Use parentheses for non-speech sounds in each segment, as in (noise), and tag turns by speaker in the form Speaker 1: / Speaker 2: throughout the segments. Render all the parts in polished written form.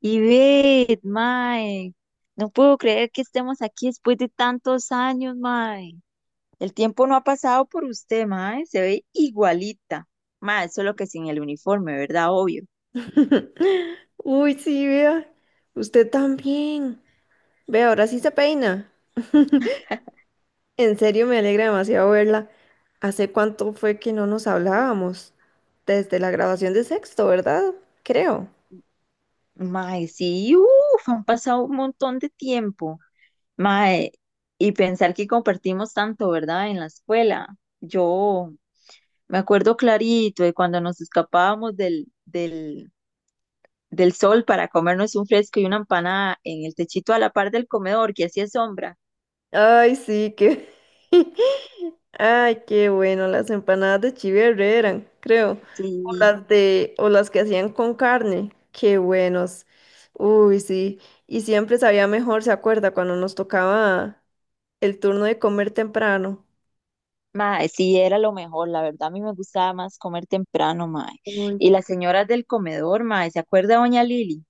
Speaker 1: Y ve, mae, no puedo creer que estemos aquí después de tantos años, mae. El tiempo no ha pasado por usted, mae, se ve igualita. Mae, solo que sin el uniforme, ¿verdad? Obvio.
Speaker 2: Uy, sí, vea. Usted también. Vea, ahora sí se peina. En serio, me alegra demasiado verla. ¿Hace cuánto fue que no nos hablábamos? Desde la graduación de sexto, ¿verdad? Creo.
Speaker 1: Mae, sí, uff, han pasado un montón de tiempo. Mae, y pensar que compartimos tanto, ¿verdad? En la escuela. Yo me acuerdo clarito de cuando nos escapábamos del sol para comernos un fresco y una empanada en el techito a la par del comedor, que así es sombra.
Speaker 2: Ay, sí, qué... (laughs) Ay, qué bueno. Las empanadas de Chiverre eran, creo. O
Speaker 1: Sí,
Speaker 2: las de... O las que hacían con carne. Qué buenos. Uy, sí. Y siempre sabía mejor, ¿se acuerda? Cuando nos tocaba el turno de comer temprano.
Speaker 1: mae, sí, era lo mejor, la verdad a mí me gustaba más comer temprano, mae.
Speaker 2: Uy,
Speaker 1: Y las señoras del comedor, mae, ¿se acuerda doña Lili?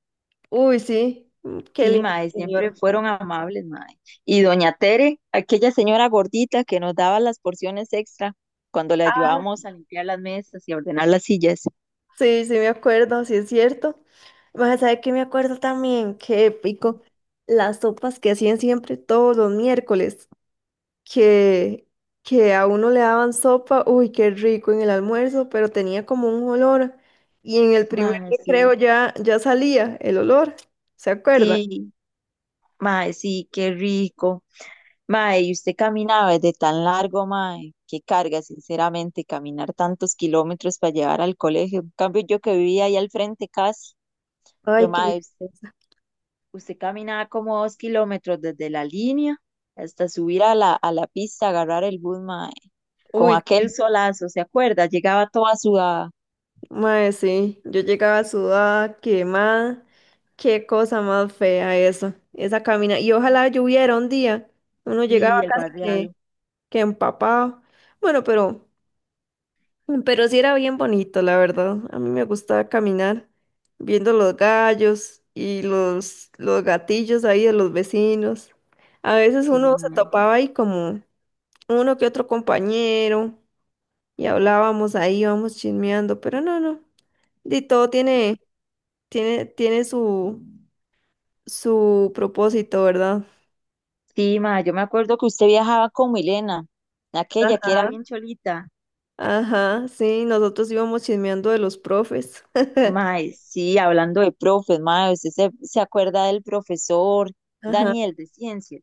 Speaker 2: uy, sí, mm, qué
Speaker 1: Sí,
Speaker 2: lindo,
Speaker 1: mae, siempre
Speaker 2: señor.
Speaker 1: fueron amables, mae. Y doña Tere, aquella señora gordita que nos daba las porciones extra cuando le
Speaker 2: Ah,
Speaker 1: ayudábamos a limpiar las mesas y a ordenar las sillas.
Speaker 2: sí, sí me acuerdo, sí es cierto. Vas a saber que me acuerdo también, qué épico, las sopas que hacían siempre todos los miércoles, que, que a uno le daban sopa, uy, qué rico en el almuerzo, pero tenía como un olor, y en el primer
Speaker 1: Mae,
Speaker 2: recreo
Speaker 1: sí,
Speaker 2: ya, ya salía el olor, ¿se acuerda?
Speaker 1: sí, mae, sí, qué rico. Mae, y usted caminaba desde tan largo, mae, qué carga, sinceramente, caminar tantos kilómetros para llevar al colegio. En cambio, yo que vivía ahí al frente casi, pero
Speaker 2: Ay, qué...
Speaker 1: mae,
Speaker 2: deliciosa.
Speaker 1: usted caminaba como 2 kilómetros desde la línea hasta subir a la pista, agarrar el bus, mae, con
Speaker 2: Uy,
Speaker 1: aquel solazo, ¿se acuerda? Llegaba toda sudada.
Speaker 2: mae, sí, yo llegaba sudada, quemada. Qué cosa más fea eso, esa camina. Y ojalá lloviera un día. Uno llegaba
Speaker 1: Sí, el
Speaker 2: casi
Speaker 1: barrial,
Speaker 2: que empapado. Bueno, pero sí era bien bonito, la verdad. A mí me gustaba caminar viendo los gallos y los gatillos ahí de los vecinos. A veces
Speaker 1: sí,
Speaker 2: uno se
Speaker 1: mae.
Speaker 2: topaba ahí como uno que otro compañero y hablábamos ahí, íbamos chismeando, pero no, no. Y todo tiene tiene, tiene su, su propósito, ¿verdad?
Speaker 1: Sí, mae, yo me acuerdo que usted viajaba con Milena, aquella que era
Speaker 2: Ajá.
Speaker 1: bien cholita.
Speaker 2: Ajá, sí, nosotros íbamos chismeando de los profes.
Speaker 1: Mae, sí, hablando de profes, mae, ¿usted se acuerda del profesor
Speaker 2: Ajá.
Speaker 1: Daniel de ciencias?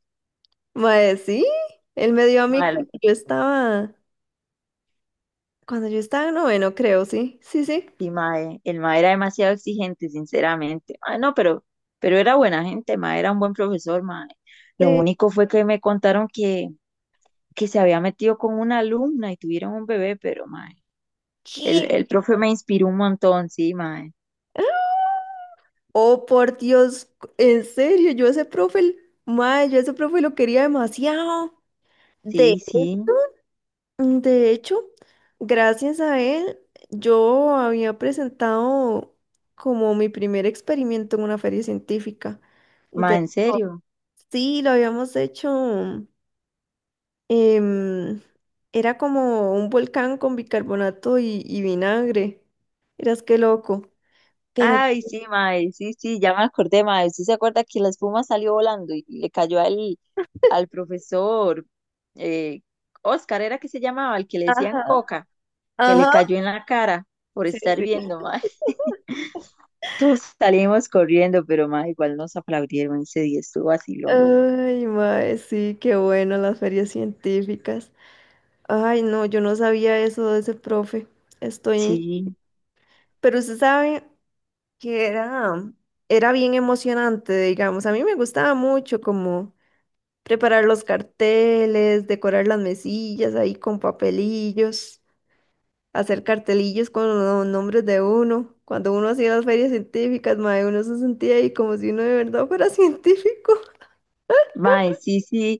Speaker 2: Mae, sí, él me dio a mí
Speaker 1: Mae, el,
Speaker 2: cuando yo estaba en noveno, creo, sí, sí, sí.
Speaker 1: sí, mae, el mae era demasiado exigente, sinceramente. Mae, no, pero era buena gente, mae, era un buen profesor, mae. Lo
Speaker 2: Eh,
Speaker 1: único fue que me contaron que se había metido con una alumna y tuvieron un bebé, pero mae,
Speaker 2: ¿Qué?
Speaker 1: el profe me inspiró un montón, sí, mae.
Speaker 2: Oh, por Dios, en serio, mae, yo ese profe lo quería demasiado.
Speaker 1: Sí, sí,
Speaker 2: Mm, de hecho, gracias a él, yo había presentado como mi primer experimento en una feria científica.
Speaker 1: mae,
Speaker 2: De-
Speaker 1: en serio.
Speaker 2: sí, lo habíamos hecho. em, Era como un volcán con bicarbonato y vinagre. Eras qué loco. Pero,
Speaker 1: Ay, sí, mae, sí, sí, ya me acordé, mae. ¿Sí se acuerda que la espuma salió volando y le cayó al, al profesor eh, Oscar, era que se llamaba, el que le decían
Speaker 2: ajá,
Speaker 1: Coca, que le
Speaker 2: ajá.
Speaker 1: cayó en la cara por
Speaker 2: Sí,
Speaker 1: estar
Speaker 2: sí.
Speaker 1: viendo, mae? (laughs) Todos salimos corriendo, pero mae, igual nos aplaudieron ese día, estuvo vacilón.
Speaker 2: Ay, mae, sí, qué bueno las ferias científicas. Ay, no, yo no sabía eso de ese profe. Estoy.
Speaker 1: Sí.
Speaker 2: Pero usted sabe. que era, Era bien emocionante, digamos. A mí me gustaba mucho como preparar los carteles, decorar las mesillas ahí con papelillos, hacer cartelillos con los nombres de uno. Cuando uno hacía las ferias científicas, mae, uno se sentía ahí como si uno de verdad fuera (laughs) científico.
Speaker 1: Mae, sí, sí.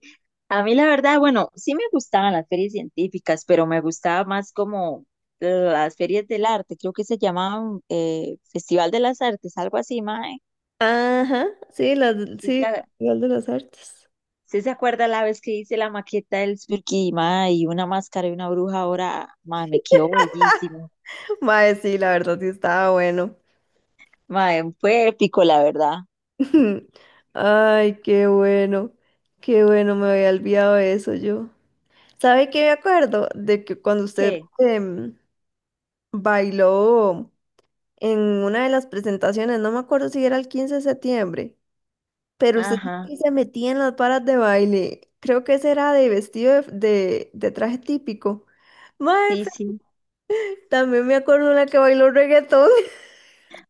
Speaker 1: A mí la verdad, bueno, sí me gustaban las ferias científicas, pero me gustaba más como las ferias del arte, creo que se llamaban Festival de las Artes, algo así, mae.
Speaker 2: Ajá, sí, las,
Speaker 1: ¿Sí
Speaker 2: sí,
Speaker 1: se,
Speaker 2: el
Speaker 1: a-
Speaker 2: Festival de las Artes.
Speaker 1: sí se acuerda la vez que hice la maqueta del Spooky, mae, y una máscara y una bruja ahora, mae, me quedó bellísimo.
Speaker 2: (laughs) Mae, sí, la verdad sí estaba bueno.
Speaker 1: Mae, fue épico, la verdad.
Speaker 2: (laughs) Ay, qué bueno, me había olvidado de eso yo. ¿Sabe qué me acuerdo? De que cuando usted
Speaker 1: ¿Qué?
Speaker 2: em, bailó en una de las presentaciones, no me acuerdo si era el 15 de septiembre, pero usted dijo
Speaker 1: Ajá,
Speaker 2: que se metía en las varas de baile. Creo que ese era de vestido de traje típico. Mae,
Speaker 1: sí,
Speaker 2: pero
Speaker 1: sí.
Speaker 2: también me acuerdo una que bailó reggaetón. (laughs)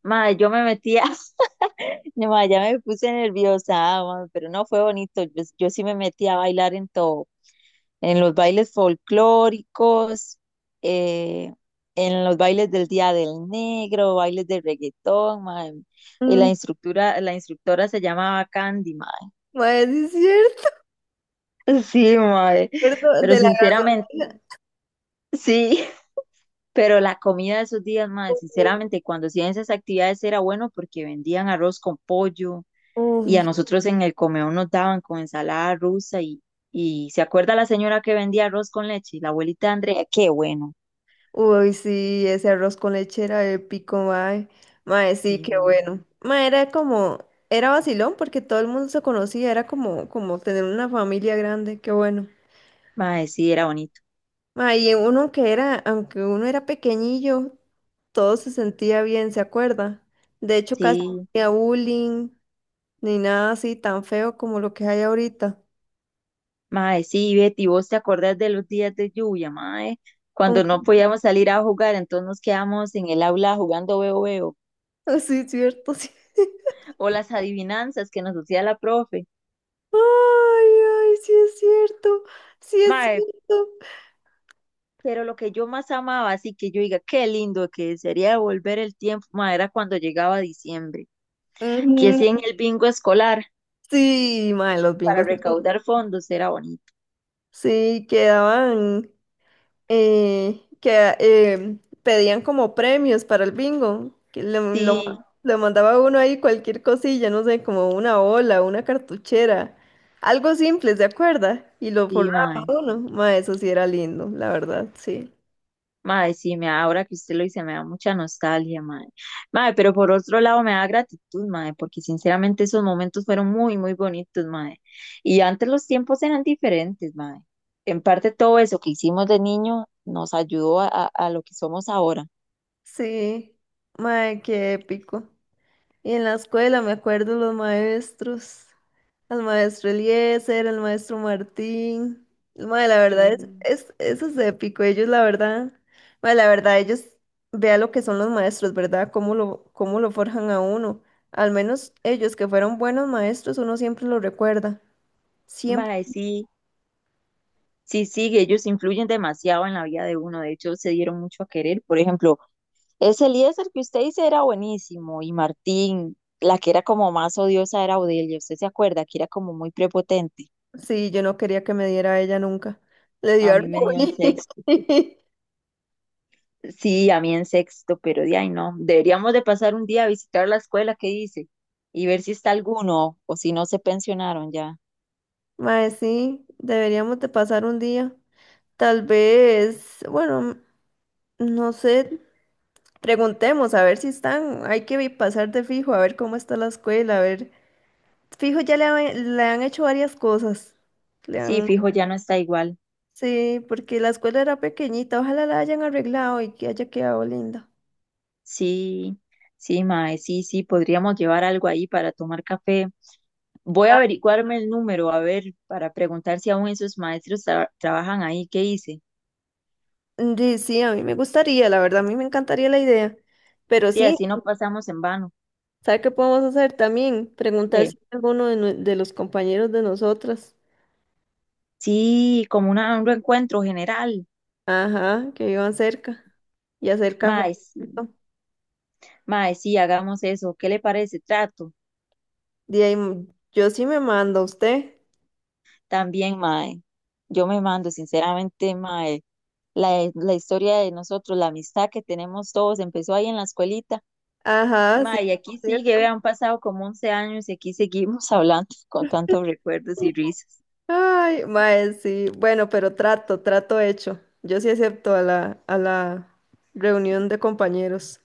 Speaker 1: Mae, yo me metía. (laughs) No, ma, ya me puse nerviosa, ah, pero no fue bonito. Yo sí me metí a bailar en todo, en los bailes folclóricos, eh, en los bailes del Día del Negro, bailes de reggaetón, mae. Y la
Speaker 2: Mm,
Speaker 1: instructora, la instructora se llamaba Candy, mae.
Speaker 2: mae, sí es cierto.
Speaker 1: (laughs) Sí, mae.
Speaker 2: Me acuerdo
Speaker 1: Pero
Speaker 2: de la
Speaker 1: sinceramente,
Speaker 2: gasolina.
Speaker 1: sí. (laughs) Pero la comida de esos días, mae, sinceramente, cuando hacían esas actividades era bueno porque vendían arroz con pollo y a
Speaker 2: Uf,
Speaker 1: nosotros en el comedor nos daban con ensalada rusa y ¿se acuerda la señora que vendía arroz con leche? La abuelita Andrea, qué bueno.
Speaker 2: uy, sí, ese arroz con leche era épico, mae. Mae,
Speaker 1: Sí,
Speaker 2: sí, qué
Speaker 1: mae.
Speaker 2: bueno. Era vacilón porque todo el mundo se conocía, era como, como tener una familia grande, qué bueno.
Speaker 1: Mae, sí, era bonito.
Speaker 2: Mae, y uno que era, Aunque uno era pequeñillo, todo se sentía bien, ¿se acuerda? De hecho, casi no
Speaker 1: Sí,
Speaker 2: había bullying, ni nada así tan feo como lo que hay ahorita.
Speaker 1: mae, sí, Betty, vos te acordás de los días de lluvia, mae, cuando
Speaker 2: Un-
Speaker 1: no podíamos salir a jugar, entonces nos quedamos en el aula jugando veo veo,
Speaker 2: (laughs) Sí, es cierto, sí.
Speaker 1: o las adivinanzas que nos hacía la profe.
Speaker 2: Ay, ay, sí es cierto, sí es
Speaker 1: Mae,
Speaker 2: cierto.
Speaker 1: pero lo que yo más amaba, así que yo diga, qué lindo que sería volver el tiempo, mae, era cuando llegaba diciembre, que sí en
Speaker 2: Ujú,
Speaker 1: el bingo escolar
Speaker 2: sí, mae, los
Speaker 1: para
Speaker 2: bingos.
Speaker 1: recaudar fondos era bonito.
Speaker 2: Sí, quedaban, que pedían como premios para el bingo,
Speaker 1: Sí,
Speaker 2: le mandaba uno ahí cualquier cosilla, no sé, como una ola, una cartuchera, algo simple, ¿se acuerda? Y lo
Speaker 1: sí,
Speaker 2: forraba
Speaker 1: mae.
Speaker 2: uno, mae, eso sí era lindo, la verdad, sí.
Speaker 1: Mae, ahora que usted lo dice, me da mucha nostalgia, mae. Mae, pero por otro lado me da gratitud, mae, porque sinceramente esos momentos fueron muy, muy bonitos, mae. Y antes los tiempos eran diferentes, mae. En parte todo eso que hicimos de niño nos ayudó a, a lo que somos ahora.
Speaker 2: Sí, mae, qué épico. Y en la escuela me acuerdo los maestros. Al maestro Eliezer, al maestro Martín. Mae, la verdad es,
Speaker 1: Sí.
Speaker 2: es, eso es épico. Ellos, la verdad, mae, la verdad, ellos vea lo que son los maestros, ¿verdad? Cómo lo forjan a uno. Al menos ellos que fueron buenos maestros, uno siempre lo recuerda. Siempre.
Speaker 1: Mae, sí, sí, sí, ellos influyen demasiado en la vida de uno. De hecho, se dieron mucho a querer. Por ejemplo, ese Eliezer que usted dice era buenísimo y Martín, la que era como más odiosa era Odelia, ¿usted se acuerda? Que era como muy prepotente.
Speaker 2: Sí, yo no quería que me diera a ella nunca. Le
Speaker 1: A
Speaker 2: dio
Speaker 1: mí me dio en
Speaker 2: orgullo.
Speaker 1: sexto.
Speaker 2: (laughs)
Speaker 1: Sí, a mí en sexto, pero de ahí no. Deberíamos de pasar un día a visitar la escuela que dice y ver si está alguno o si no se pensionaron ya.
Speaker 2: Mae, sí, deberíamos de pasar un día. Tal vez, bueno, no sé. Preguntemos a ver si están. Hay que pasar de fijo, a ver cómo está la escuela, a ver. Fijo, le han hecho varias cosas. Le
Speaker 1: Sí,
Speaker 2: han...
Speaker 1: fijo, ya no está igual.
Speaker 2: Sí, porque la escuela era pequeñita. Ojalá la hayan arreglado y que haya quedado linda.
Speaker 1: Sí, sí, mae, sí, sí, podríamos llevar algo ahí para tomar café. Voy a averiguarme el número, a ver, para preguntar si aún esos maestros trabajan ahí, ¿qué dice?
Speaker 2: Sí, sí, a mí me gustaría, la verdad, a mí me encantaría la idea. Pero
Speaker 1: Sí,
Speaker 2: sí,
Speaker 1: así no pasamos en vano.
Speaker 2: ¿sabe qué podemos hacer también? Preguntar
Speaker 1: Eh,
Speaker 2: si hay alguno de, de los compañeros de nosotras,
Speaker 1: sí, como un reencuentro general.
Speaker 2: ajá, que vivan cerca y hacer café.
Speaker 1: Mae, sí,
Speaker 2: ¿Cierto?
Speaker 1: mae, sí, hagamos eso. ¿Qué le parece? Trato.
Speaker 2: De ahí, mm, yo sí me mando a usted.
Speaker 1: También, mae, yo me mando, sinceramente, mae, la historia de nosotros, la amistad que tenemos todos, empezó ahí en la escuelita.
Speaker 2: Ajá, sí,
Speaker 1: Mae, y aquí
Speaker 2: ¿cierto?
Speaker 1: sigue, vean, han pasado como 11 años y aquí seguimos (laughs) hablando con tantos recuerdos y risas.
Speaker 2: Ay, mae, sí. Bueno, pero trato hecho. Yo sí acepto a a la reunión de compañeros.